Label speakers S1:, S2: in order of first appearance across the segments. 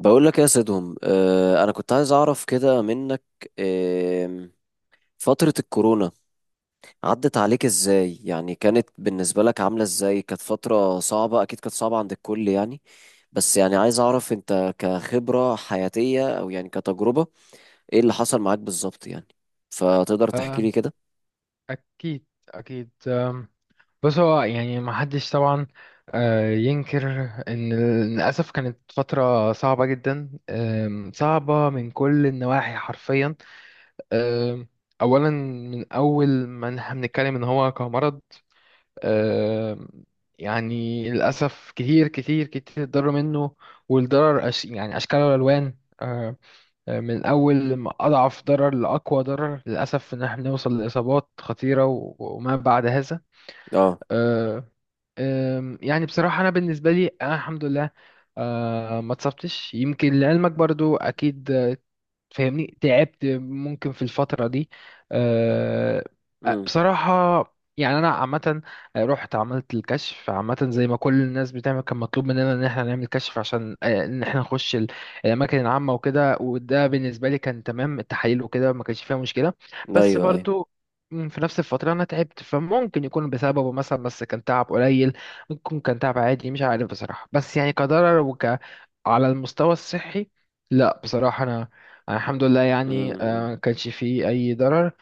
S1: بقول لك يا سيدهم، انا كنت عايز اعرف كده منك. آه فترة الكورونا عدت عليك ازاي؟ يعني كانت بالنسبة لك عاملة ازاي؟ كانت فترة صعبة، اكيد كانت صعبة عند الكل يعني. بس يعني عايز اعرف انت كخبرة حياتية او يعني كتجربة، ايه اللي حصل معاك بالظبط يعني؟ فتقدر تحكي
S2: آه،
S1: لي كده.
S2: أكيد أكيد. بص، هو يعني ما حدش طبعا ينكر إن للأسف كانت فترة صعبة جدا، صعبة من كل النواحي حرفيا. آم، أولا، من أول ما إن إحنا بنتكلم إن هو كمرض، آم، يعني للأسف كتير كتير كتير اتضرر منه. والضرر أش يعني أشكال وألوان، من أول ما أضعف ضرر لأقوى ضرر. للأسف إن إحنا بنوصل لإصابات خطيرة وما بعد هذا.
S1: اه.
S2: آه، يعني بصراحة أنا بالنسبة لي، أنا الحمد لله ما اتصبتش. يمكن لعلمك برضو، أكيد فاهمني، تعبت ممكن في الفترة دي أه،
S1: امم.
S2: بصراحة. يعني أنا عامة رحت عملت الكشف، عامة زي ما كل الناس بتعمل. كان مطلوب مننا إن احنا نعمل كشف عشان إن احنا نخش الأماكن العامة وكده. وده بالنسبة لي كان تمام، التحاليل وكده ما كانش فيها مشكلة.
S1: ايوه،
S2: بس
S1: ايوه.
S2: برضو في نفس الفترة أنا تعبت، فممكن يكون بسببه مثلا، بس كان تعب قليل. ممكن يكون كان تعب عادي، مش عارف بصراحة. بس يعني كضرر على المستوى الصحي، لا بصراحة أنا الحمد لله يعني
S1: امم.
S2: ما كانش فيه أي ضرر.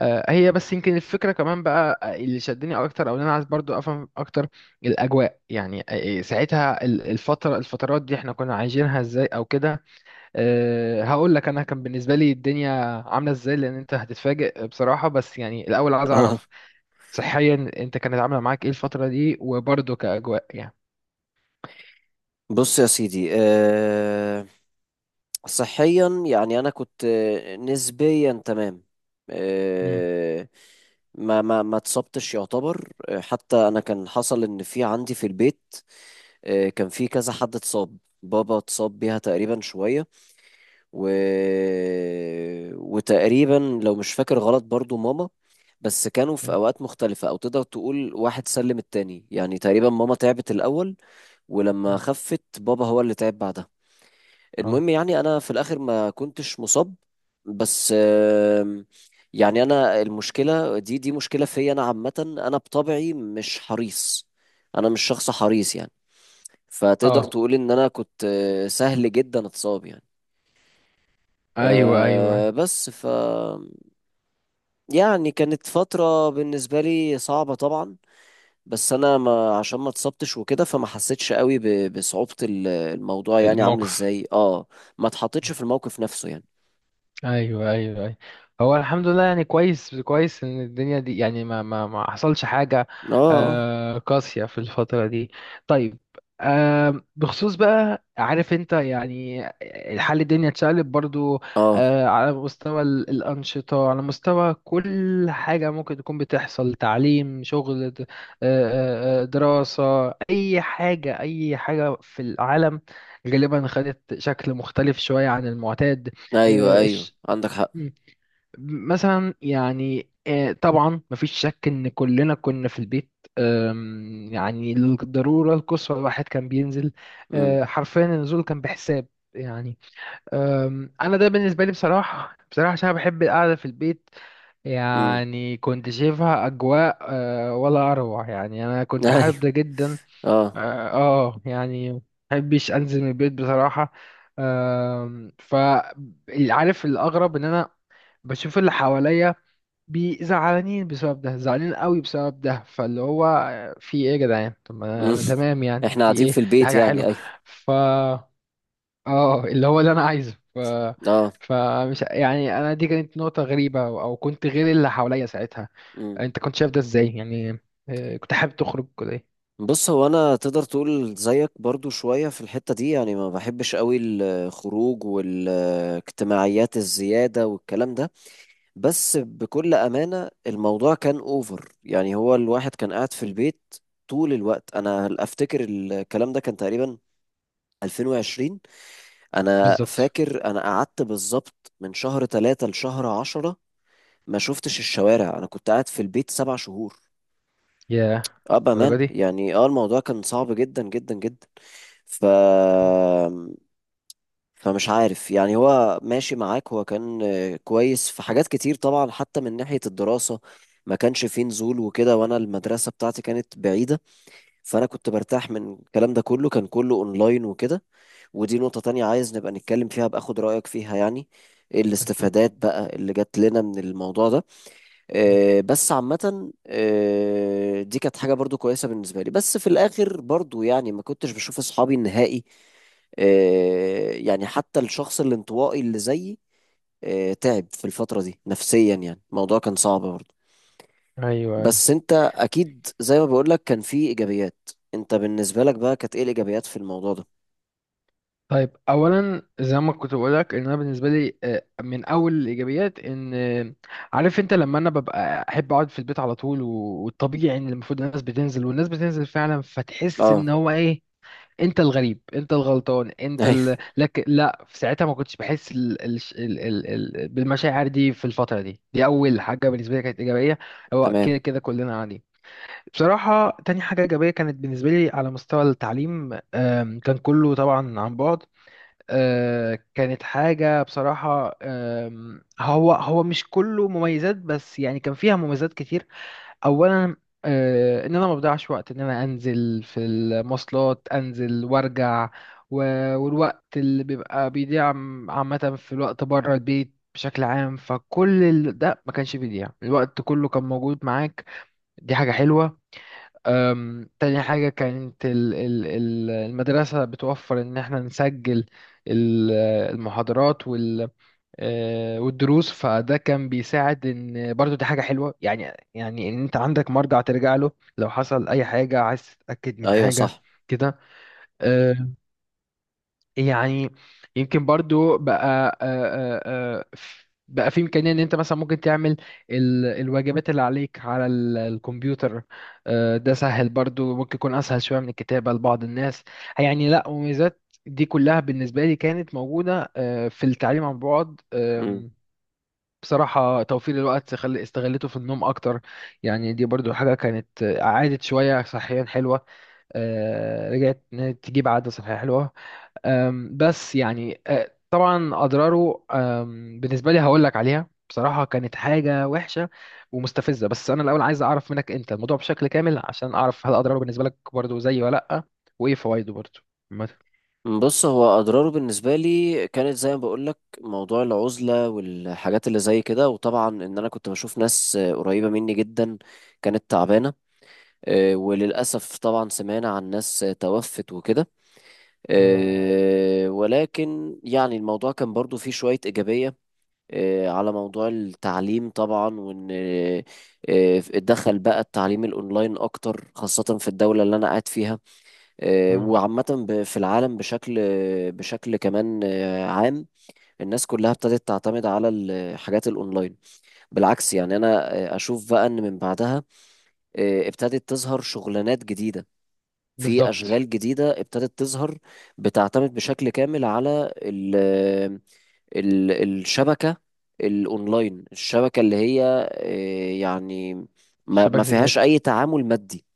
S2: هي بس يمكن الفكرة كمان بقى، اللي شدني أكتر، أو اللي أنا عايز برضو أفهم أكتر الأجواء يعني، ساعتها الفترات دي إحنا كنا عايشينها إزاي أو كده. هقول لك، انا كان بالنسبه لي الدنيا عامله ازاي، لان انت هتتفاجئ بصراحه. بس يعني الاول عايز
S1: اه.
S2: اعرف صحيا انت كانت عامله معاك ايه الفتره دي، وبرضه كاجواء يعني.
S1: بص يا سيدي، صحيا يعني انا كنت نسبيا تمام.
S2: مم.
S1: آه، ما اتصبتش يعتبر. حتى انا كان حصل ان في عندي في البيت، كان في كذا حد اتصاب. بابا اتصاب بيها تقريبا شوية، و... وتقريبا لو مش فاكر غلط برضو ماما. بس كانوا في
S2: مم.
S1: اوقات مختلفة، او تقدر تقول واحد سلم التاني يعني. تقريبا ماما تعبت الاول، ولما
S2: مم.
S1: خفت بابا هو اللي تعب بعدها.
S2: اه.
S1: المهم يعني انا في الاخر ما كنتش مصاب. بس آم، يعني انا المشكله دي مشكله فيا انا عامه. انا بطبعي مش حريص، انا مش شخص حريص يعني. فتقدر
S2: اه.
S1: تقول ان انا كنت سهل جدا اتصاب يعني.
S2: ايوه، ايوه،
S1: أه بس ف يعني كانت فتره بالنسبه لي صعبه طبعا، بس انا ما عشان ما اتصبتش وكده فما حسيتش قوي بصعوبه الموضوع، يعني عامل
S2: الموقف.
S1: ازاي. اه، ما اتحطيتش في الموقف نفسه يعني.
S2: ايوه، ايوه، ايوه، هو الحمد لله يعني. كويس كويس ان الدنيا دي يعني ما حصلش حاجه
S1: اه.
S2: قاسيه في الفتره دي. طيب، بخصوص بقى، عارف انت يعني الحال، الدنيا اتشقلب برضو
S1: اه.
S2: على مستوى الانشطه، على مستوى كل حاجه ممكن تكون بتحصل: تعليم، شغل، دراسه، اي حاجه اي حاجه في العالم غالبا خدت شكل مختلف شويه عن المعتاد.
S1: ايوه، ايوه، عندك حق.
S2: مم. مثلا يعني، طبعا مفيش شك ان كلنا كنا في البيت. يعني للضرورة القصوى الواحد كان بينزل،
S1: امم.
S2: حرفيا النزول كان بحساب يعني. انا ده بالنسبة لي بصراحة، بصراحة عشان أنا بحب القعدة في البيت.
S1: امم.
S2: يعني كنت شايفها اجواء ولا اروع، يعني انا كنت
S1: ايوه.
S2: حابب ده جدا. اه،
S1: اه.
S2: يعني محبش انزل من البيت بصراحة. آم، ف عارف الاغرب ان انا بشوف اللي حواليا زعلانين بسبب ده، زعلانين قوي بسبب ده، فاللي هو في ايه يا جدعان؟ طب ما انا
S1: امم.
S2: أنا تمام يعني،
S1: احنا
S2: في
S1: قاعدين
S2: ايه؟
S1: في البيت
S2: حاجه
S1: يعني،
S2: حلوه،
S1: ايوه.
S2: ف اه اللي هو اللي انا عايزه.
S1: اه.
S2: فمش يعني، انا دي كانت نقطه غريبه، او كنت غير اللي حواليا ساعتها.
S1: امم.
S2: انت كنت شايف ده ازاي يعني؟ كنت حابب تخرج ولا ايه؟
S1: بص، هو انا تقدر تقول زيك برضو شوية في الحتة دي، يعني ما بحبش قوي الخروج والاجتماعيات الزيادة والكلام ده. بس بكل أمانة الموضوع كان اوفر، يعني هو الواحد كان قاعد في البيت طول الوقت. انا افتكر الكلام ده كان تقريبا 2020. انا
S2: بالظبط.
S1: فاكر انا قعدت بالظبط من شهر 3 لشهر 10. ما شفتش الشوارع، انا كنت قاعد في البيت 7 شهور.
S2: يا
S1: اه،
S2: الدرجه
S1: بامان
S2: دي؟
S1: يعني. اه، الموضوع كان صعب جدا جدا جدا. ف فمش عارف يعني، هو ماشي معاك. هو كان كويس في حاجات كتير طبعا، حتى من ناحية الدراسة ما كانش فيه نزول وكده، وانا المدرسة بتاعتي كانت بعيدة، فانا كنت برتاح من الكلام ده كله. كان كله اونلاين وكده. ودي نقطة تانية عايز نبقى نتكلم فيها، بأخد رأيك فيها يعني،
S2: اكيد.
S1: الاستفادات بقى اللي جات لنا من الموضوع ده.
S2: مم.
S1: بس عامة دي كانت حاجة برضو كويسة بالنسبة لي. بس في الآخر برضو يعني ما كنتش بشوف أصحابي النهائي. يعني حتى الشخص الانطوائي اللي زيي تعب في الفترة دي نفسيا. يعني الموضوع كان صعب برضه.
S2: ايوه، ايوه.
S1: بس انت اكيد زي ما بقولك كان في ايجابيات. انت بالنسبة لك بقى كانت ايه الايجابيات في الموضوع ده؟
S2: طيب، اولا زي ما كنت بقولك، ان انا بالنسبه لي من اول الايجابيات ان عارف انت، لما انا ببقى احب اقعد في البيت على طول، والطبيعي ان المفروض الناس بتنزل، والناس بتنزل فعلا، فتحس ان
S1: اه.
S2: هو ايه، انت الغريب، انت الغلطان،
S1: ايوه.
S2: لا، في ساعتها ما كنتش بحس ال... بالمشاعر دي في الفتره دي. دي اول حاجه بالنسبه لي كانت ايجابيه، هو كده
S1: تمام.
S2: كده كلنا عادي. بصراحه، تاني حاجه ايجابيه كانت بالنسبه لي على مستوى التعليم. كان كله طبعا عن بعد. كانت حاجة بصراحة، هو مش كله مميزات، بس يعني كان فيها مميزات كتير. أولا، إن أنا ما بضيعش وقت إن أنا أنزل في المواصلات، أنزل وأرجع، والوقت اللي بيبقى بيضيع عامة في الوقت بره البيت بشكل عام، فكل ده ما كانش بيضيع، الوقت كله كان موجود معاك. دي حاجة حلوة. تاني حاجة كانت المدرسة بتوفر إن إحنا نسجل ال- المحاضرات والدروس. فده كان بيساعد، إن برضو دي حاجة حلوة يعني إن أنت عندك مرجع ترجع له لو حصل أي حاجة، عايز تتأكد من
S1: ايوه،
S2: حاجة
S1: صح.
S2: كده يعني. يمكن برضو بقى بقى في إمكانية إن أنت مثلا ممكن تعمل الواجبات اللي عليك على الكمبيوتر. ده سهل برضو، ممكن يكون أسهل شوية من الكتابة لبعض الناس. يعني لا، مميزات دي كلها بالنسبة لي كانت موجودة في التعليم عن بعد.
S1: مم.
S2: بصراحة توفير الوقت، استغلته في النوم أكتر. يعني دي برضو حاجة كانت عادت شوية، صحيا حلوة. رجعت إن هي تجيب عادة صحية حلوة. بس يعني طبعا اضراره، بالنسبه لي هقول لك عليها بصراحه، كانت حاجه وحشه ومستفزه. بس انا الاول عايز اعرف منك انت الموضوع بشكل كامل، عشان اعرف هل اضراره بالنسبه لك برضو زي، ولا لا، وايه فوائده برضو مثلا.
S1: بص، هو اضراره بالنسبه لي كانت زي ما بقول لك موضوع العزله والحاجات اللي زي كده، وطبعا ان انا كنت بشوف ناس قريبه مني جدا كانت تعبانه. وللاسف طبعا سمعنا عن ناس توفت وكده.
S2: مم.
S1: ولكن يعني الموضوع كان برضو فيه شويه ايجابيه. على موضوع التعليم طبعا، وان اتدخل بقى التعليم الاونلاين اكتر، خاصه في الدوله اللي انا قاعد فيها.
S2: مم.
S1: وعامة في العالم بشكل بشكل كمان آه، عام، الناس كلها ابتدت تعتمد على الحاجات الأونلاين. بالعكس، يعني أنا أشوف بقى إن من بعدها ابتدت تظهر شغلانات جديدة. في
S2: بالظبط.
S1: أشغال جديدة ابتدت تظهر، بتعتمد بشكل كامل على ال ال الشبكة، الأونلاين، الشبكة اللي هي يعني ما
S2: شبكه
S1: فيهاش
S2: النت.
S1: أي تعامل مادي.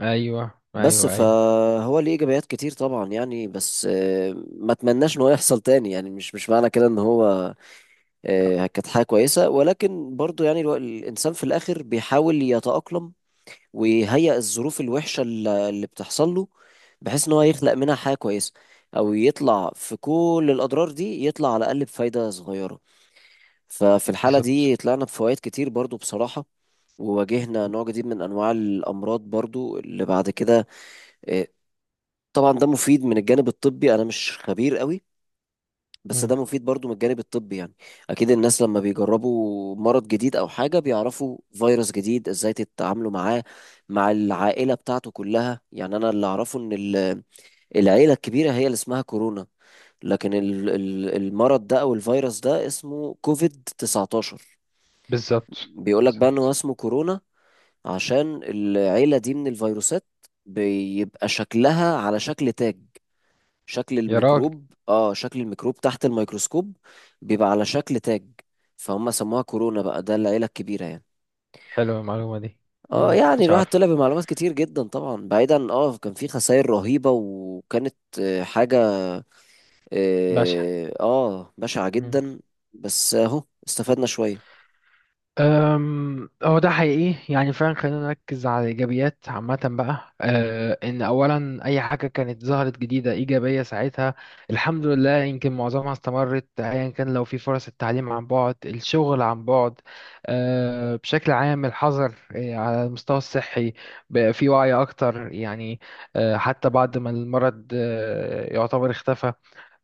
S2: ايوه،
S1: بس
S2: ايوه، ايوه،
S1: فهو ليه ايجابيات كتير طبعا يعني. بس ما اتمناش ان هو يحصل تاني. يعني مش معنى كده ان هو كانت حاجه كويسه، ولكن برضو يعني الانسان في الاخر بيحاول يتاقلم ويهيئ الظروف الوحشه اللي بتحصل له، بحيث ان هو يخلق منها حاجه كويسه، او يطلع في كل الاضرار دي يطلع على الاقل بفايده صغيره. ففي الحاله
S2: بالظبط.
S1: دي طلعنا بفوائد كتير برضو بصراحه. وواجهنا نوع جديد من انواع الامراض برضو اللي بعد كده. آه، طبعا ده مفيد من الجانب الطبي. انا مش خبير قوي، بس
S2: مم.
S1: ده مفيد برضو من الجانب الطبي يعني. اكيد الناس لما بيجربوا مرض جديد او حاجة، بيعرفوا فيروس جديد ازاي تتعاملوا معاه مع العائلة بتاعته كلها. يعني انا اللي اعرفه ان العيلة الكبيرة هي اللي اسمها كورونا، لكن المرض ده او الفيروس ده اسمه كوفيد 19.
S2: بالظبط.
S1: بيقولك بقى ان هو
S2: بالظبط
S1: اسمه كورونا عشان العيلة دي من الفيروسات بيبقى شكلها على شكل تاج. شكل
S2: يا راجل،
S1: الميكروب، اه شكل الميكروب تحت الميكروسكوب بيبقى على شكل تاج، فهم سموها كورونا. بقى ده العيلة الكبيرة يعني.
S2: حلوه المعلومه دي.
S1: اه،
S2: مم،
S1: يعني
S2: كنتش
S1: الواحد
S2: عارف.
S1: طلع بمعلومات كتير جدا طبعا. بعيدا، اه كان في خسائر رهيبة، وكانت حاجة
S2: باشا.
S1: اه بشعة جدا، بس اهو استفدنا شوية.
S2: هو ده حقيقي يعني فعلا. خلينا نركز على الإيجابيات عامة بقى، إن أولا أي حاجة كانت ظهرت جديدة إيجابية ساعتها، الحمد لله يمكن معظمها استمرت، أيا كان، لو في فرص التعليم عن بعد، الشغل عن بعد، بشكل عام الحظر. على المستوى الصحي بقى في وعي أكتر يعني، حتى بعد ما المرض يعتبر اختفى.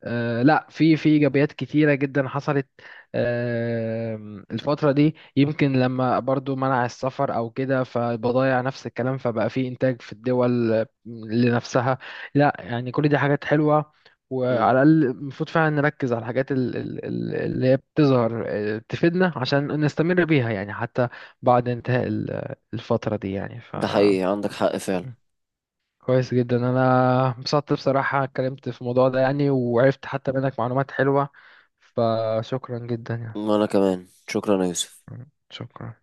S2: لا، في ايجابيات كتيره جدا حصلت الفتره دي. يمكن لما برضو منع السفر او كده، فالبضائع نفس الكلام، فبقى في انتاج في الدول لنفسها. لا يعني، كل دي حاجات حلوه.
S1: مم.
S2: وعلى الاقل المفروض فعلا نركز على الحاجات اللي هي بتظهر تفيدنا، عشان نستمر بيها، يعني حتى بعد انتهاء الفتره دي يعني.
S1: ده حقيقي، عندك حق فعلا.
S2: كويس جدا، انا انبسطت بصراحة اتكلمت في الموضوع ده يعني، وعرفت حتى منك معلومات حلوة. فشكرا جدا يعني.
S1: وانا كمان شكرا يا يوسف.
S2: شكرا.